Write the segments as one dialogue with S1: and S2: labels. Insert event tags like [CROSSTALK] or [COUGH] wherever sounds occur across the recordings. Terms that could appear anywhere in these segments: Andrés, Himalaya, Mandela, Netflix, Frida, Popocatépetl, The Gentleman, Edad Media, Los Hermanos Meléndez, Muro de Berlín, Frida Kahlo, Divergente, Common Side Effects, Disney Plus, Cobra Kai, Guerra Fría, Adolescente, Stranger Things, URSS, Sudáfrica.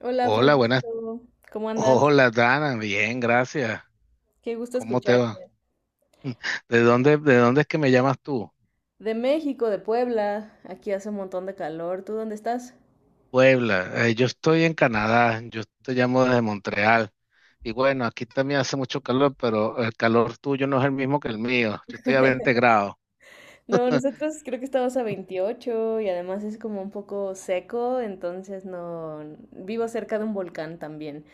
S1: Hola
S2: Hola, buenas.
S1: Francisco, ¿cómo
S2: [LAUGHS]
S1: andas?
S2: Hola, Dana. Bien, gracias.
S1: Qué gusto
S2: ¿Cómo te va?
S1: escucharte.
S2: De dónde es que me llamas tú?
S1: De México, de Puebla, aquí hace un montón de calor. ¿Tú dónde estás?
S2: Puebla. Yo estoy en Canadá. Yo te llamo desde Montreal. Y bueno, aquí también hace mucho calor, pero el calor tuyo no es el mismo que el mío. Yo estoy a 20 grados.
S1: No, nosotros creo que estamos a 28 y además es como un poco seco, entonces no... Vivo cerca de un volcán también.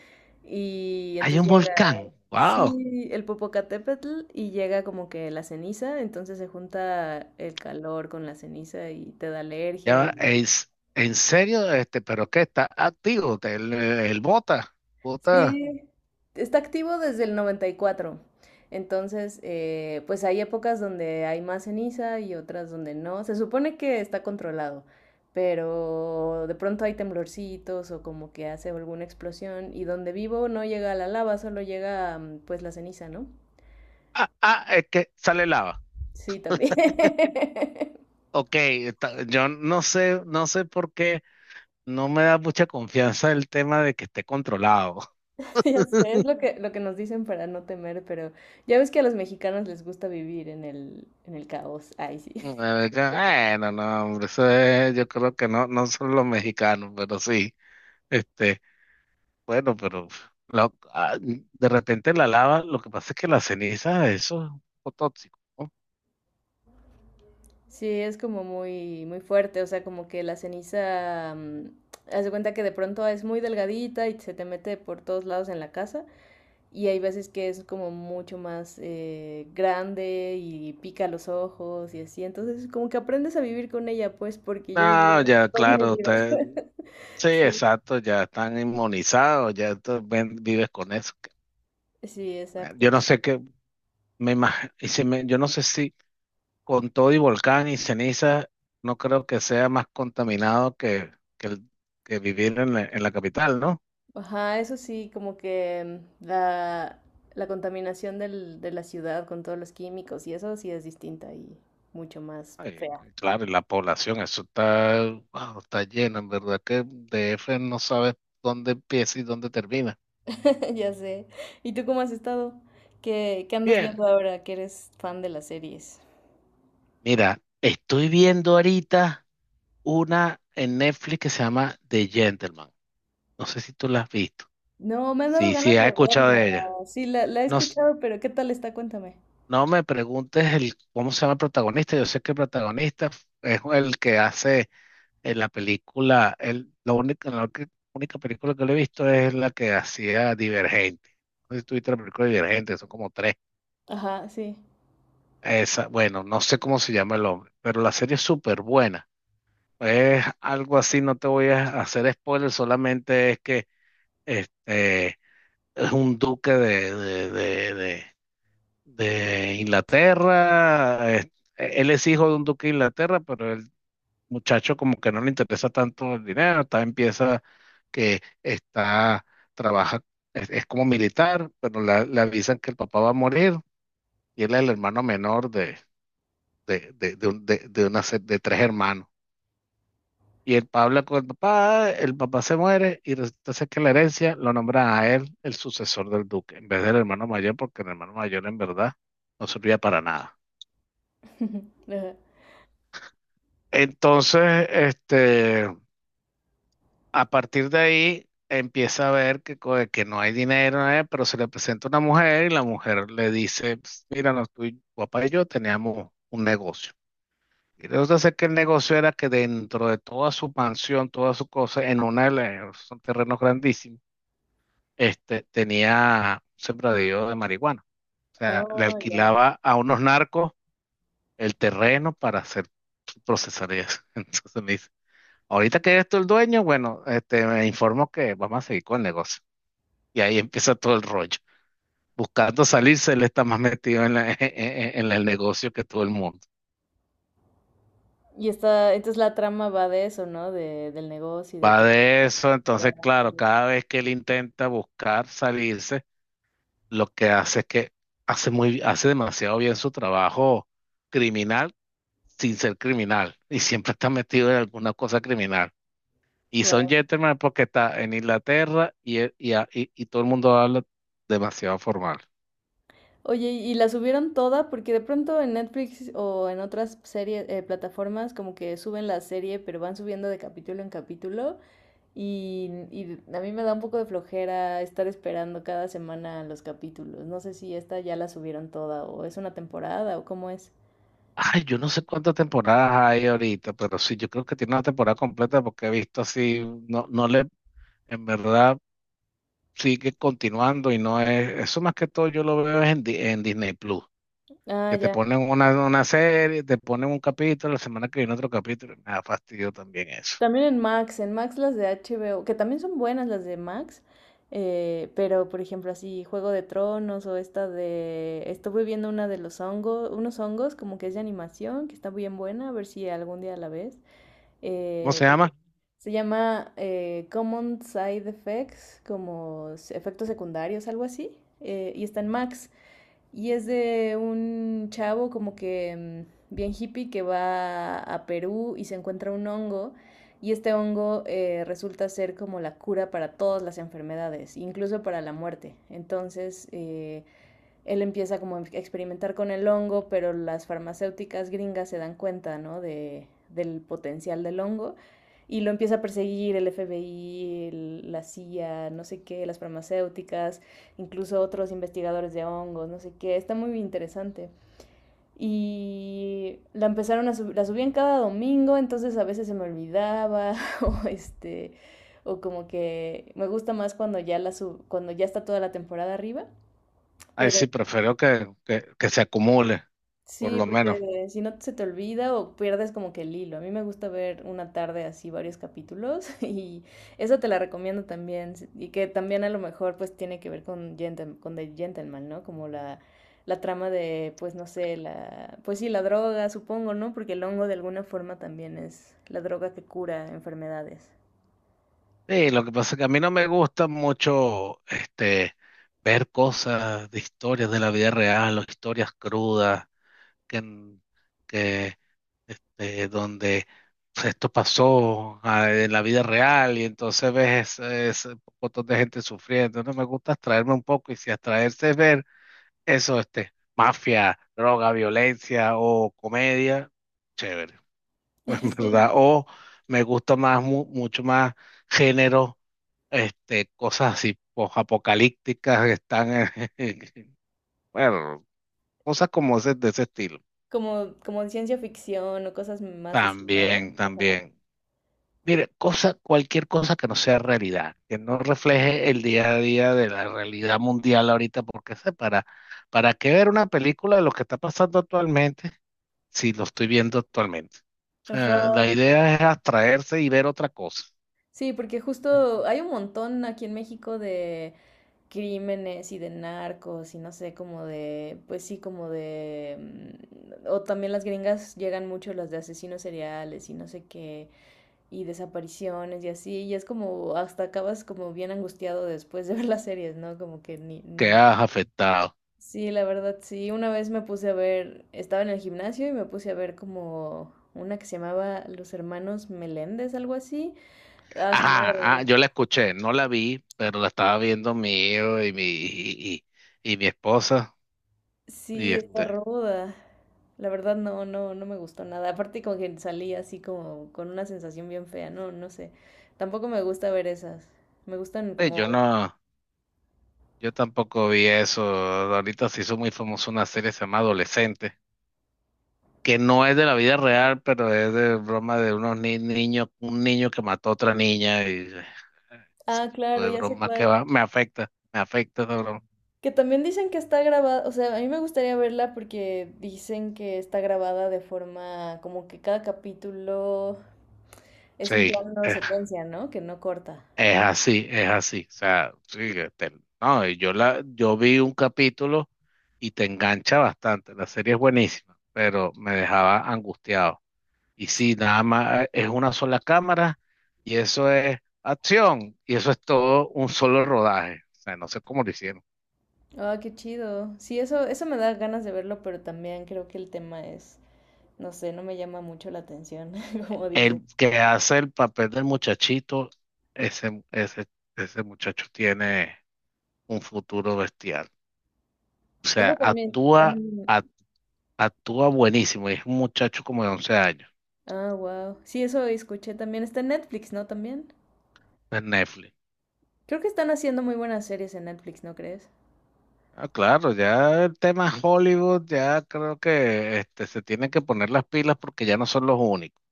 S1: Y
S2: Hay
S1: entonces
S2: un
S1: llega,
S2: volcán. Wow.
S1: sí, el Popocatépetl y llega como que la ceniza, entonces se junta el calor con la ceniza y te da
S2: Ya,
S1: alergia
S2: va,
S1: y...
S2: es, en serio, pero qué está activo. El bota. Bota.
S1: Sí, está activo desde el 94. Entonces, pues hay épocas donde hay más ceniza y otras donde no. Se supone que está controlado, pero de pronto hay temblorcitos o como que hace alguna explosión y donde vivo no llega la lava, solo llega pues la ceniza, ¿no?
S2: Ah, ah, es que sale lava.
S1: Sí, también. [LAUGHS]
S2: Ok, yo no sé, no sé por qué. No me da mucha confianza el tema de que esté controlado. [LAUGHS]
S1: Ya sé, es lo que nos dicen para no temer, pero ya ves que a los mexicanos les gusta vivir en el caos. Ay, sí.
S2: Bueno, no, hombre, yo creo que no, no son los mexicanos, pero sí, este, bueno, pero de repente la lava, lo que pasa es que la ceniza, eso es un poco tóxico, ¿no?
S1: Sí, es como muy, muy fuerte, o sea, como que la ceniza, haz de cuenta que de pronto es muy delgadita y se te mete por todos lados en la casa y hay veces que es como mucho más grande y pica los ojos y así, entonces como que aprendes a vivir con ella, pues, porque yo viví
S2: Ah,
S1: [LAUGHS]
S2: ya,
S1: toda mi
S2: claro,
S1: vida.
S2: usted,
S1: [LAUGHS]
S2: sí,
S1: Sí,
S2: exacto, ya están inmunizados, ya vives con eso.
S1: sí, exacto.
S2: Yo no sé qué, me imagino, yo no sé si con todo y volcán y ceniza, no creo que sea más contaminado que, el- que vivir en la capital, ¿no?
S1: Ajá, eso sí, como que la contaminación de la ciudad con todos los químicos y eso sí es distinta y mucho más
S2: Ay,
S1: fea.
S2: claro, y la población, eso está, wow, está lleno, en verdad que DF no sabes dónde empieza y dónde termina.
S1: [LAUGHS] Ya sé. ¿Y tú cómo has estado? ¿Qué, qué andas
S2: Bien,
S1: viendo ahora que eres fan de las series?
S2: mira, estoy viendo ahorita una en Netflix que se llama The Gentleman. No sé si tú la has visto.
S1: No, me han dado
S2: Sí, sí,
S1: ganas de
S2: has escuchado
S1: verla.
S2: de ella.
S1: Sí, la he
S2: No,
S1: escuchado, pero ¿qué tal está? Cuéntame.
S2: no me preguntes el cómo se llama el protagonista. Yo sé que el protagonista es el que hace en la película, la única única película que le he visto es la que hacía Divergente. No sé si tuviste la película Divergente, son como tres.
S1: Ajá, sí.
S2: Esa, bueno, no sé cómo se llama el hombre, pero la serie es súper buena. Es algo así, no te voy a hacer spoiler, solamente es que este es un duque de Inglaterra. Él es hijo de un duque de Inglaterra, pero el muchacho como que no le interesa tanto el dinero. Empieza que está, trabaja, es como militar, pero le avisan que el papá va a morir y él es el hermano menor de una, de tres hermanos. Y el papá habla con el papá se muere y resulta ser que la herencia lo nombra a él el sucesor del duque, en vez del hermano mayor, porque el hermano mayor en verdad no servía para nada.
S1: [LAUGHS] Ajá.
S2: Entonces, a partir de ahí empieza a ver que, que no hay dinero, pero se le presenta una mujer y la mujer le dice, "Ps, mira, no, tu papá y yo teníamos un negocio. Y resulta ser que el negocio era que dentro de toda su mansión, todas sus cosas, en una de las, son terrenos grandísimos, tenía un sembradío de marihuana. O sea, le
S1: Oh, ya veo.
S2: alquilaba a unos narcos el terreno para hacer procesar eso. [LAUGHS] Entonces me dice, ahorita que eres tú el dueño, bueno, me informo que vamos a seguir con el negocio. Y ahí empieza todo el rollo. Buscando salirse, él está más metido en, [LAUGHS] el negocio que todo el mundo.
S1: Y está, entonces la trama va de eso, ¿no? De, del negocio y de
S2: Va
S1: todo.
S2: de eso,
S1: Ya,
S2: entonces, claro,
S1: claro.
S2: cada vez que él intenta buscar salirse, lo que hace es que hace demasiado bien su trabajo criminal sin ser criminal. Y siempre está metido en alguna cosa criminal. Y son
S1: Guau.
S2: gentlemen porque está en Inglaterra y todo el mundo habla demasiado formal.
S1: Oye, ¿y la subieron toda? Porque de pronto en Netflix o en otras series, plataformas, como que suben la serie, pero van subiendo de capítulo en capítulo. Y a mí me da un poco de flojera estar esperando cada semana los capítulos. No sé si esta ya la subieron toda o es una temporada o cómo es.
S2: Ay, yo no sé cuántas temporadas hay ahorita, pero sí, yo creo que tiene una temporada completa porque he visto así, no, no le, en verdad sigue continuando y no es, eso más que todo yo lo veo es en Disney Plus,
S1: Ah,
S2: que te
S1: ya.
S2: ponen una serie, te ponen un capítulo, la semana que viene otro capítulo, me da fastidio también eso.
S1: También en Max las de HBO, que también son buenas las de Max, pero por ejemplo así Juego de Tronos o esta de... Estuve viendo una de los hongos, unos hongos como que es de animación, que está bien buena, a ver si algún día la ves.
S2: ¿Cómo
S1: Eh,
S2: se llama?
S1: Se llama Common Side Effects, como efectos secundarios, algo así. Y está en Max. Y es de un chavo como que bien hippie que va a Perú y se encuentra un hongo. Y este hongo resulta ser como la cura para todas las enfermedades, incluso para la muerte. Entonces, él empieza como a experimentar con el hongo, pero las farmacéuticas gringas se dan cuenta, ¿no? De, del potencial del hongo y lo empieza a perseguir el FBI, la CIA, no sé qué, las farmacéuticas, incluso otros investigadores de hongos, no sé qué, está muy interesante. Y la empezaron a subir, la subían cada domingo, entonces a veces se me olvidaba [LAUGHS] o o como que me gusta más cuando ya cuando ya está toda la temporada arriba,
S2: Ay,
S1: pero
S2: sí, prefiero que, que se acumule, por
S1: sí,
S2: lo menos.
S1: porque si no se te olvida o pierdes como que el hilo. A mí me gusta ver una tarde así varios capítulos [LAUGHS] y eso te la recomiendo también. Y que también a lo mejor pues tiene que ver con, con The Gentleman, ¿no? Como la trama de pues no sé, pues sí, la droga supongo, ¿no? Porque el hongo de alguna forma también es la droga que cura enfermedades.
S2: Sí, lo que pasa es que a mí no me gusta mucho, ver cosas de historias de la vida real o historias crudas. Que, en- que, este, Donde pues, esto pasó en la vida real y entonces ves ese montón de gente sufriendo. No me gusta abstraerme un poco y si abstraerse es ver eso, mafia, droga, violencia o comedia, chévere, [LAUGHS] en
S1: [LAUGHS] Sí.
S2: verdad. O me gusta más, mucho más género, cosas así apocalípticas que están, en- [LAUGHS] bueno, cosas como ese, de ese estilo.
S1: Como, como ciencia ficción o cosas más así, ¿no?
S2: También,
S1: Ajá.
S2: también. Mire, cosa, cualquier cosa que no sea realidad, que no refleje el día a día de la realidad mundial ahorita, porque sé, ¿para qué ver una película de lo que está pasando actualmente si lo estoy viendo actualmente? O
S1: Ajá.
S2: sea, la idea es abstraerse y ver otra cosa
S1: Sí, porque justo hay un montón aquí en México de... crímenes y de narcos y no sé, como de, pues sí, como de, o también las gringas llegan mucho las de asesinos seriales y no sé qué, y desapariciones y así, y es como, hasta acabas como bien angustiado después de [LAUGHS] ver las series, ¿no? Como que ni,
S2: que
S1: ni...
S2: has afectado.
S1: Sí, la verdad, sí, una vez me puse a ver, estaba en el gimnasio y me puse a ver como una que se llamaba Los Hermanos Meléndez, algo así. A su
S2: Ajá, ah,
S1: madre.
S2: yo la escuché, no la vi, pero la estaba viendo mi hijo y mi esposa, y
S1: Sí, está
S2: este,
S1: ruda. La verdad no, no, no me gustó nada. Aparte como que salí así como con una sensación bien fea. No, no sé. Tampoco me gusta ver esas. Me gustan
S2: eh, yo
S1: como...
S2: no, yo tampoco vi eso, ahorita se hizo muy famosa una serie que se llama Adolescente que no es de la vida real, pero es de broma de unos niños, un niño que mató a otra niña y ese
S1: Ah,
S2: tipo
S1: claro,
S2: de
S1: ya sé
S2: broma que
S1: cuál.
S2: va, me afecta esa broma.
S1: Que también dicen que está grabada, o sea, a mí me gustaría verla porque dicen que está grabada de forma como que cada capítulo es un
S2: Sí,
S1: plano
S2: es,
S1: secuencia, ¿no? Que no corta.
S2: es así, es así. O sea, sí, que no, yo vi un capítulo y te engancha bastante. La serie es buenísima, pero me dejaba angustiado. Y sí, nada más es una sola cámara y eso es acción y eso es todo un solo rodaje. O sea, no sé cómo lo hicieron.
S1: Ah, qué chido. Sí, eso me da ganas de verlo, pero también creo que el tema es no sé, no me llama mucho la atención, [LAUGHS] como dices.
S2: El que hace el papel del muchachito, ese, ese, ese muchacho tiene un futuro bestial. O sea,
S1: Eso también, también.
S2: ac- actúa buenísimo. Y es un muchacho como de 11 años
S1: Ah, wow. Sí, eso escuché también. Está en Netflix, ¿no? También.
S2: en Netflix.
S1: Creo que están haciendo muy buenas series en Netflix, ¿no crees?
S2: Ah, claro, ya el tema Hollywood, ya creo que se tienen que poner las pilas porque ya no son los únicos.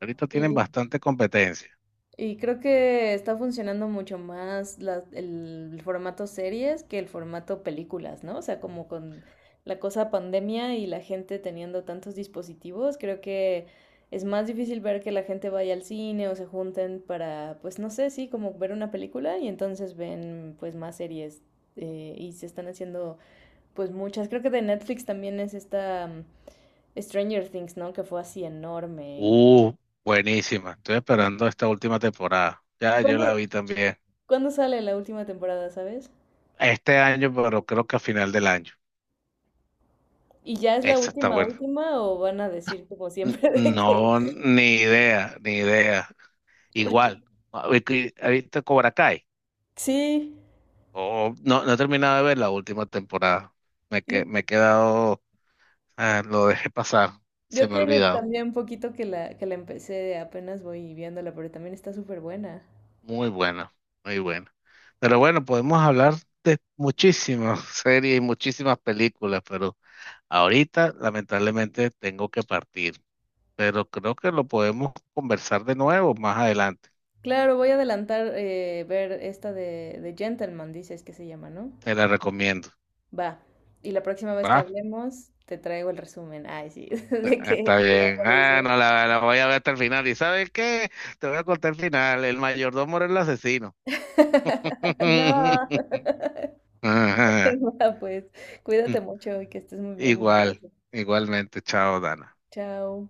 S2: Ahorita tienen
S1: Sí.
S2: bastante competencia.
S1: Y creo que está funcionando mucho más el formato series que el formato películas, ¿no? O sea, como con la cosa pandemia y la gente teniendo tantos dispositivos, creo que es más difícil ver que la gente vaya al cine o se junten para, pues no sé, sí, como ver una película y entonces ven pues más series y se están haciendo pues muchas. Creo que de Netflix también es esta Stranger Things, ¿no? Que fue así enorme y...
S2: Uh, buenísima. Estoy
S1: pues,
S2: esperando esta última temporada. Ya yo la
S1: ¿Cuándo,
S2: vi también.
S1: cuándo sale la última temporada, sabes?
S2: Este año, pero creo que a final del año.
S1: ¿Y ya es la
S2: Esa está
S1: última,
S2: buena.
S1: última o van a decir como
S2: N-
S1: siempre [LAUGHS] de que...
S2: No, ni idea, ni idea.
S1: Porque,
S2: Igual, a ver ¿has visto Cobra Kai?
S1: sí,
S2: O no, no he terminado de ver la última temporada.
S1: yo,
S2: Me he quedado, ah, lo dejé pasar, se
S1: yo
S2: me ha
S1: tiene
S2: olvidado.
S1: también un poquito que que la empecé, apenas voy viéndola, pero también está súper buena.
S2: Muy buena, muy buena. Pero bueno, podemos hablar de muchísimas [LAUGHS] series y muchísimas películas, pero ahorita lamentablemente tengo que partir. Pero creo que lo podemos conversar de nuevo más adelante.
S1: Claro, voy a adelantar ver esta de Gentleman, dices que se llama, ¿no?
S2: Te la recomiendo.
S1: Va. Y la próxima vez que
S2: ¿Va?
S1: hablemos, te traigo el resumen. Ay, sí, [LAUGHS] de
S2: Está
S1: qué, qué me
S2: bien. Ah,
S1: parece.
S2: no, la voy a ver hasta el final. ¿Y sabes qué? Te voy a contar el final. El mayordomo era el asesino.
S1: [LAUGHS] No,
S2: [LAUGHS]
S1: [LAUGHS]
S2: Ajá.
S1: va, pues cuídate mucho y que estés muy bien. Un
S2: Igual,
S1: abrazo.
S2: igualmente. Chao, Dana.
S1: Chao.